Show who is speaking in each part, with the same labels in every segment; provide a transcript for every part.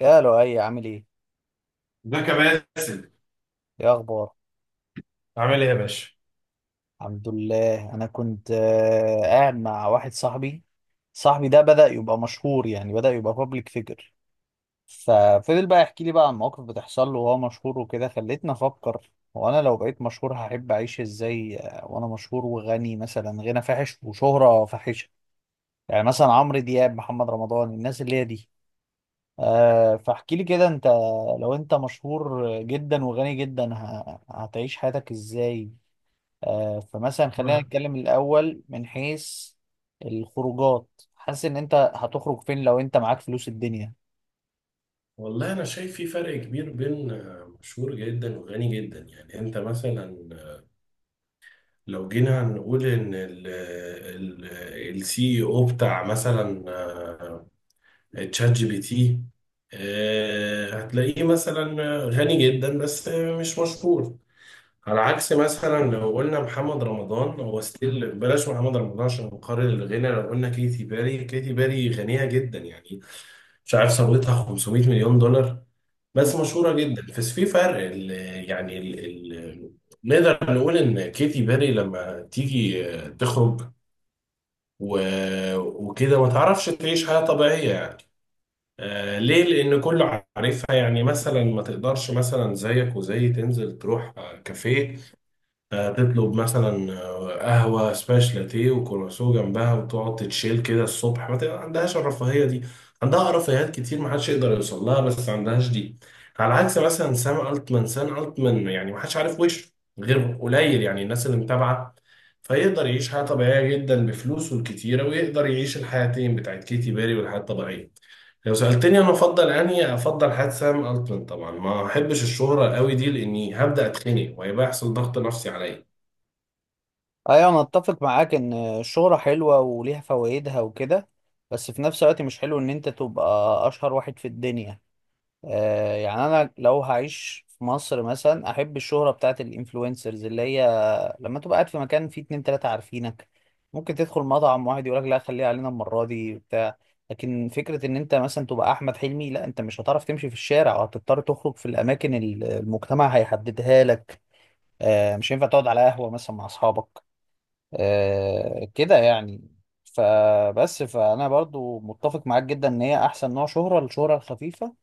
Speaker 1: يا لؤي عامل ايه؟
Speaker 2: ازيك يا باسل.
Speaker 1: ايه اخبار؟
Speaker 2: عامل ايه يا باشا؟
Speaker 1: الحمد لله انا كنت قاعد مع واحد صاحبي. صاحبي ده بدأ يبقى مشهور، يعني بدأ يبقى بابليك فيجر. ففضل بقى يحكي لي بقى عن مواقف بتحصل له وهو مشهور وكده، خلتني افكر هو انا لو بقيت مشهور هحب اعيش ازاي. وانا مشهور وغني، مثلا غنى فاحش وشهرة فاحشة، يعني مثلا عمرو دياب، محمد رمضان، الناس اللي هي دي. أه، فاحكي لي كده انت، لو انت مشهور جدا وغني جدا هتعيش حياتك ازاي. فمثلا خلينا
Speaker 2: واه.
Speaker 1: نتكلم الأول من حيث الخروجات. حاسس إن أنت هتخرج فين لو أنت معاك فلوس الدنيا.
Speaker 2: والله أنا شايف في فرق كبير بين مشهور جدا وغني جدا، يعني أنت مثلا لو جينا نقول إن السي اي او بتاع مثلا تشات جي بي تي هتلاقيه مثلا غني جدا بس مش مشهور. على عكس مثلا لو قلنا محمد رمضان، هو ستيل بلاش محمد رمضان عشان نقارن الغنى، لو قلنا كيتي باري، كيتي باري غنية جدا يعني، مش عارف ثروتها 500 مليون دولار
Speaker 1: مم.
Speaker 2: بس مشهورة جدا، بس في فرق ال- يعني ال ال نقدر نقول ان كيتي بيري لما تيجي تخرج وكده ما تعرفش تعيش حياة طبيعية يعني. آه ليه؟ لأن كله عارفها، يعني مثلا ما تقدرش مثلا زيك وزي تنزل تروح كافيه، تطلب مثلا قهوة سباش لاتيه وكرواسون جنبها وتقعد تتشيل كده الصبح، ما عندهاش الرفاهية دي. عندها رفاهيات كتير، ما حدش يقدر يوصل لها، بس ما عندهاش دي. على عكس مثلا سام التمان، سام التمان يعني ما حدش عارف وشه غير قليل، يعني الناس اللي متابعة، فيقدر يعيش حياة طبيعية جدا بفلوسه الكتيرة، ويقدر يعيش الحياتين، بتاعت كيتي بيري والحياة الطبيعية. لو سألتني أنا أفضل أنهي، أفضل حياة سام التمان طبعا. ما أحبش الشهرة قوي دي، لأني هبدأ أتخنق وهيبقى يحصل ضغط نفسي عليا.
Speaker 1: أيوة، أنا أتفق معاك إن الشهرة حلوة وليها فوائدها وكده، بس في نفس الوقت مش حلو إن أنت تبقى أشهر واحد في الدنيا. يعني أنا لو هعيش في مصر مثلا أحب الشهرة بتاعت الإنفلونسرز، اللي هي لما تبقى قاعد في مكان فيه اتنين تلاتة عارفينك، ممكن تدخل مطعم واحد يقولك لا خليها علينا المرة دي، بتاع. لكن فكرة ان انت مثلا تبقى احمد حلمي، لا، انت مش هتعرف تمشي في الشارع وهتضطر تخرج في الاماكن المجتمع هيحددها لك. آه، مش هينفع تقعد على قهوة مثلا مع اصحابك، آه كده يعني. فبس فانا برضو متفق معاك جدا ان هي احسن نوع شهرة، الشهرة الخفيفة.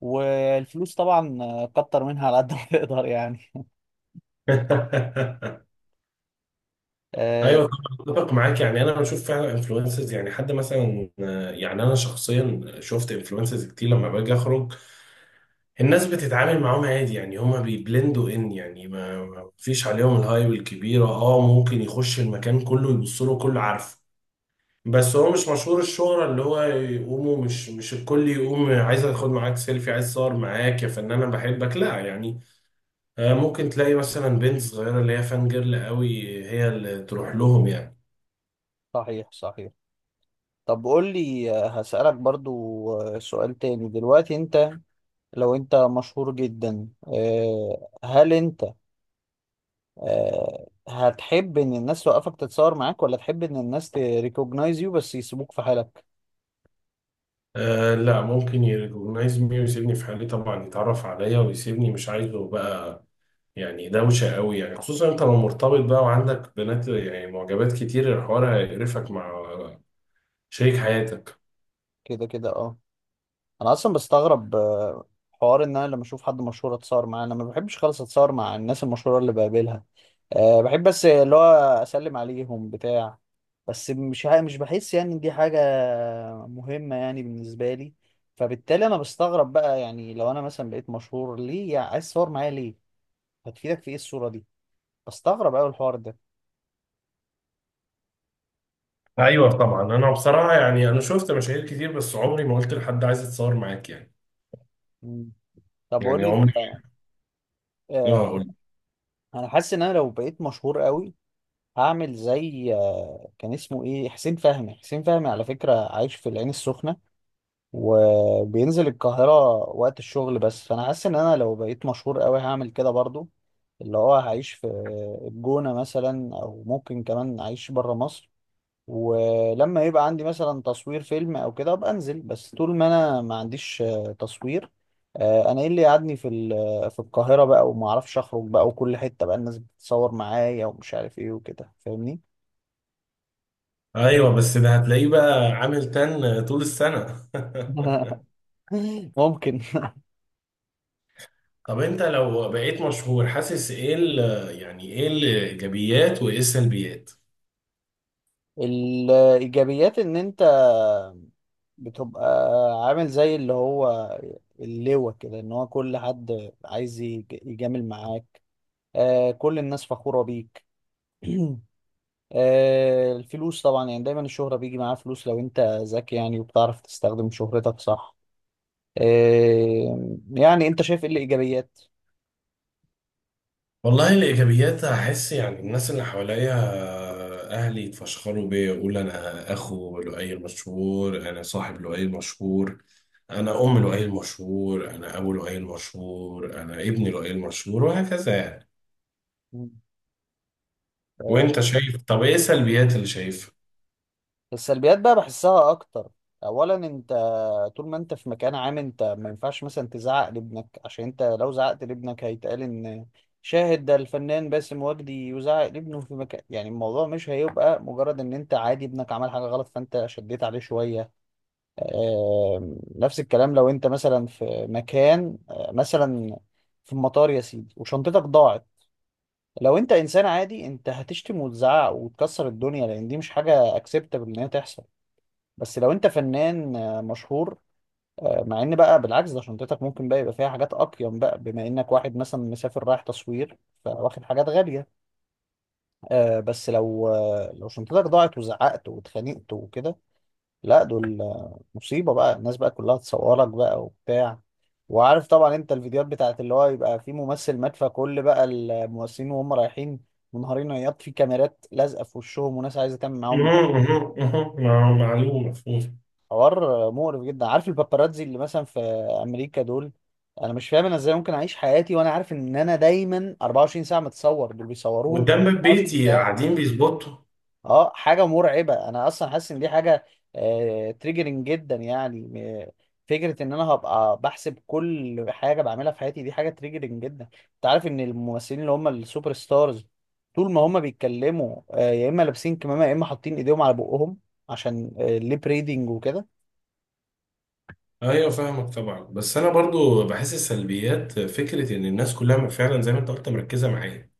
Speaker 1: والفلوس طبعا، كتر منها على قد ما تقدر يعني. آه.
Speaker 2: ايوه طبعا اتفق معاك، يعني انا بشوف فعلا انفلونسرز، يعني حد مثلا يعني انا شخصيا شفت انفلونسرز كتير لما باجي اخرج، الناس بتتعامل معاهم عادي، يعني هما بيبلندوا، ان يعني ما فيش عليهم الهايب الكبيره. اه ممكن يخش المكان، كله يبص له، كله عارفه، بس هو مش مشهور الشهرة اللي هو يقوموا مش الكل يقوم عايز اخد معاك سيلفي، عايز اتصور معاك يا فنان انا بحبك، لا يعني. ممكن تلاقي مثلا بنت صغيرة اللي هي فان جيرل قوي، هي اللي تروح لهم يعني.
Speaker 1: صحيح صحيح. طب قول لي، هسألك برضو سؤال تاني دلوقتي. انت لو انت مشهور جدا، هل انت هتحب ان الناس توقفك تتصور معاك، ولا تحب ان الناس تريكوجنايز يو بس يسيبوك في حالك؟
Speaker 2: آه لا، ممكن يريكوجنايز مي ويسيبني في حالي طبعا، يتعرف عليا ويسيبني، مش عايزه بقى. يعني دوشة قوي يعني، خصوصا انت لو مرتبط بقى وعندك بنات يعني معجبات كتير، الحوار هيقرفك مع شريك حياتك.
Speaker 1: كده كده، اه. انا اصلا بستغرب حوار ان انا لما اشوف حد مشهور اتصور معاه. انا ما بحبش خالص اتصور مع الناس المشهوره اللي بقابلها. أه، بحب بس اللي هو اسلم عليهم بتاع، بس مش بحس يعني إن دي حاجه مهمه يعني بالنسبه لي. فبالتالي انا بستغرب بقى، يعني لو انا مثلا بقيت مشهور ليه يعني عايز تصور معايا؟ ليه هتفيدك في ايه الصوره دي؟ بستغرب قوي الحوار ده.
Speaker 2: ايوه طبعا، انا بصراحة يعني انا شفت مشاهير كتير بس عمري ما قلت لحد عايز اتصور معاك يعني.
Speaker 1: مم. طب قول
Speaker 2: يعني
Speaker 1: لي
Speaker 2: عمري،
Speaker 1: انت، آه،
Speaker 2: اه قلت.
Speaker 1: انا حاسس ان انا لو بقيت مشهور قوي هعمل زي، كان اسمه ايه، حسين فهمي. حسين فهمي على فكرة عايش في العين السخنة، وبينزل القاهرة وقت الشغل بس. فانا حاسس ان انا لو بقيت مشهور قوي هعمل كده برضو، اللي هو هعيش في الجونة مثلا، او ممكن كمان اعيش بره مصر. ولما يبقى عندي مثلا تصوير فيلم او كده ابقى انزل، بس طول ما انا ما عنديش تصوير، انا ايه اللي قعدني في في القاهرة بقى، وما اعرفش اخرج بقى وكل حتة بقى الناس بتتصور معايا ومش عارف ايه وكده، فاهمني.
Speaker 2: ايوه بس ده هتلاقيه بقى عامل تن طول السنة.
Speaker 1: ممكن.
Speaker 2: طب انت لو بقيت مشهور حاسس ايه يعني ايه الايجابيات وايه السلبيات؟
Speaker 1: الإيجابيات إن أنت بتبقى عامل زي اللي هو اللواء كده، إن هو كل حد عايز يجامل معاك، آه كل الناس فخورة بيك. آه، الفلوس طبعا، يعني دايما الشهرة بيجي معاها فلوس لو أنت ذكي يعني وبتعرف تستخدم شهرتك صح. آه، يعني أنت شايف إيه الإيجابيات؟
Speaker 2: والله الإيجابيات، أحس يعني الناس اللي حواليا أهلي يتفشخروا بيا، يقولوا أنا أخو لؤي مشهور، أنا صاحب لؤي مشهور، أنا أم لؤي مشهور، أنا أبو لؤي مشهور، أنا ابن لؤي مشهور، وهكذا يعني. وأنت شايف، طب إيه السلبيات اللي شايفها؟
Speaker 1: السلبيات بقى بحسها اكتر. اولا انت طول ما انت في مكان عام، انت ما ينفعش مثلا تزعق لابنك، عشان انت لو زعقت لابنك هيتقال ان شاهد ده الفنان باسم وجدي يزعق لابنه في مكان، يعني الموضوع مش هيبقى مجرد ان انت عادي ابنك عمل حاجة غلط فانت شديت عليه شوية. نفس الكلام لو انت مثلا في مكان، مثلا في المطار يا سيدي وشنطتك ضاعت. لو انت انسان عادي، انت هتشتم وتزعق وتكسر الدنيا، لان دي مش حاجة اكسبتable ان هي تحصل. بس لو انت فنان مشهور، مع ان بقى بالعكس، ده شنطتك ممكن بقى يبقى فيها حاجات اقيم بقى، بما انك واحد مثلا مسافر رايح تصوير فواخد حاجات غالية. بس لو، لو شنطتك ضاعت وزعقت واتخانقت وكده، لا دول، مصيبة بقى، الناس بقى كلها تصورك بقى وبتاع. وعارف طبعا انت الفيديوهات بتاعت اللي هو يبقى في ممثل مات، فكل بقى الممثلين وهم رايحين منهارين عياط في كاميرات لازقة في وشهم، وناس عايزة تعمل معاهم
Speaker 2: مهم، مهم، مهم. معلوم، مفهوم.
Speaker 1: حوار مقرف جدا. عارف الباباراتزي اللي مثلا في امريكا دول، انا مش فاهم انا ازاي ممكن اعيش حياتي وانا عارف ان انا دايما 24 ساعه متصور. دول بيصوروهم
Speaker 2: قدام باب
Speaker 1: 24
Speaker 2: بيتي
Speaker 1: ساعه.
Speaker 2: قاعدين بيظبطوا.
Speaker 1: اه حاجه مرعبه. انا اصلا حاسس ان دي حاجه آه تريجرنج جدا، يعني فكره ان انا هبقى بحسب كل حاجه بعملها في حياتي، دي حاجه تريجرنج جدا. انت عارف ان الممثلين اللي هم السوبر ستارز طول ما هم بيتكلموا آه، يا اما لابسين كمامه يا اما حاطين ايديهم على بقهم، عشان الليب ريدنج وكده.
Speaker 2: ايوه فاهمك طبعا، بس انا برضو بحس السلبيات فكره ان الناس كلها فعلا زي ما انت قلت مركزه معايا،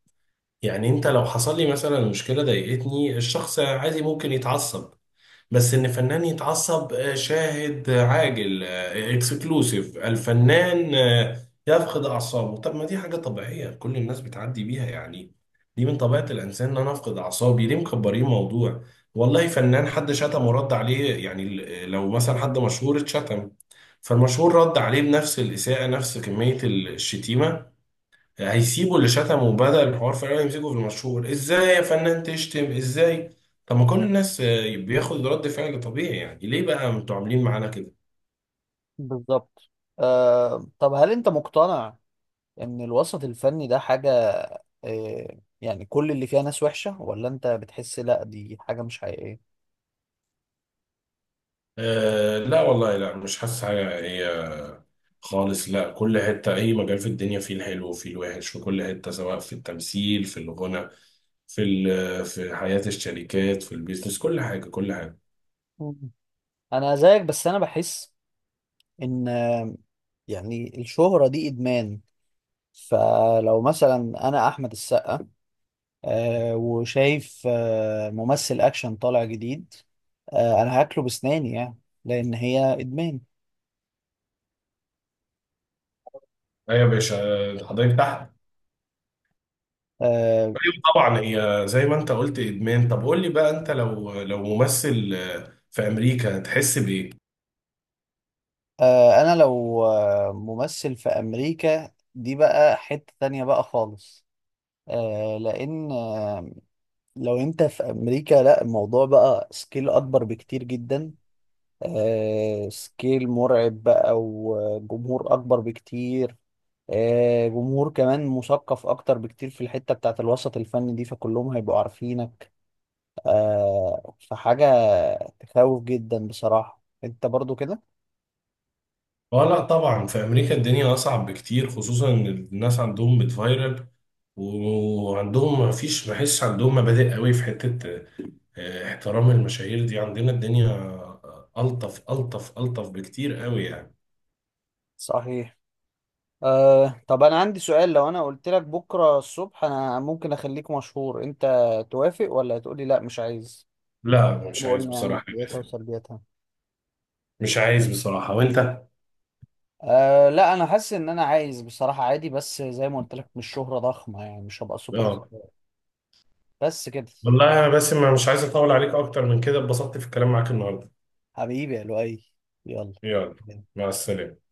Speaker 2: يعني انت لو حصل لي مثلا مشكله ضايقتني، الشخص عادي ممكن يتعصب، بس ان فنان يتعصب شاهد عاجل اكسكلوسيف، الفنان يفقد اعصابه. طب ما دي حاجه طبيعيه كل الناس بتعدي بيها يعني، دي من طبيعه الانسان ان انا افقد اعصابي، ليه مكبرين موضوع؟ والله فنان حد شتم ورد عليه يعني لو مثلا حد مشهور اتشتم، فالمشهور رد عليه بنفس الاساءه نفس كميه الشتيمه، هيسيبوا اللي شتمه وبدأ الحوار، فعلا يمسكوا في المشهور، ازاي يا فنان تشتم، ازاي؟ طب ما كل الناس بياخد رد فعل طبيعي، يعني ليه بقى انتوا عاملين معانا كده؟
Speaker 1: بالظبط. آه، طب هل انت مقتنع ان الوسط الفني ده حاجة آه، يعني كل اللي فيها ناس وحشة، ولا انت بتحس لا دي حاجة مش حقيقية؟
Speaker 2: آه لا والله، لا مش حاسس حاجة، هي خالص لا، كل حتة، أي مجال في الدنيا فيه الحلو وفيه الوحش، في كل حتة، سواء في التمثيل، في الغنى، في في حياة الشركات، في البيزنس، كل حاجة، كل حاجة.
Speaker 1: مم. انا زيك، بس انا بحس ان، يعني الشهرة دي ادمان. فلو مثلا انا احمد السقا آه، وشايف آه ممثل اكشن طالع جديد، آه انا هاكله بسناني يعني، لان هي ادمان.
Speaker 2: أيوة يا باشا. حضرتك تحت.
Speaker 1: آه،
Speaker 2: أيوة طبعا، هي زي ما انت قلت ادمان. طب قول لي بقى، انت لو ممثل في امريكا، تحس بايه؟
Speaker 1: انا لو ممثل في امريكا، دي بقى حتة تانية بقى خالص. لان، لو انت في امريكا لا الموضوع بقى سكيل اكبر بكتير جدا، سكيل مرعب بقى وجمهور اكبر بكتير، جمهور كمان مثقف اكتر بكتير في الحتة بتاعت الوسط الفني دي، فكلهم هيبقوا عارفينك. فحاجة تخوف جدا بصراحة. انت برضو كده؟
Speaker 2: اه لا طبعا، في امريكا الدنيا اصعب بكتير، خصوصا ان الناس عندهم بتفايرل، وعندهم ما حسش عندهم مبادئ قوي في حتة احترام المشاهير دي. عندنا الدنيا الطف الطف الطف بكتير قوي يعني.
Speaker 1: صحيح. أه طب انا عندي سؤال، لو انا قلت لك بكره الصبح انا ممكن اخليك مشهور، انت توافق ولا تقولي لا مش عايز؟
Speaker 2: لا مش عايز
Speaker 1: وقلنا يعني
Speaker 2: بصراحة يا
Speaker 1: ايجابياتها
Speaker 2: باسم.
Speaker 1: وسلبياتها.
Speaker 2: مش عايز بصراحة، وانت؟
Speaker 1: أه لا انا حاسس ان انا عايز بصراحه عادي، بس زي ما قلت لك مش شهره ضخمه يعني، مش هبقى سوبر
Speaker 2: اه
Speaker 1: ستار، بس كده.
Speaker 2: والله يا باسم، أنا مش عايز اطول عليك اكتر من كده، اتبسطت في الكلام معاك النهاردة.
Speaker 1: حبيبي يا لؤي، يلا.
Speaker 2: يلا، مع السلامة.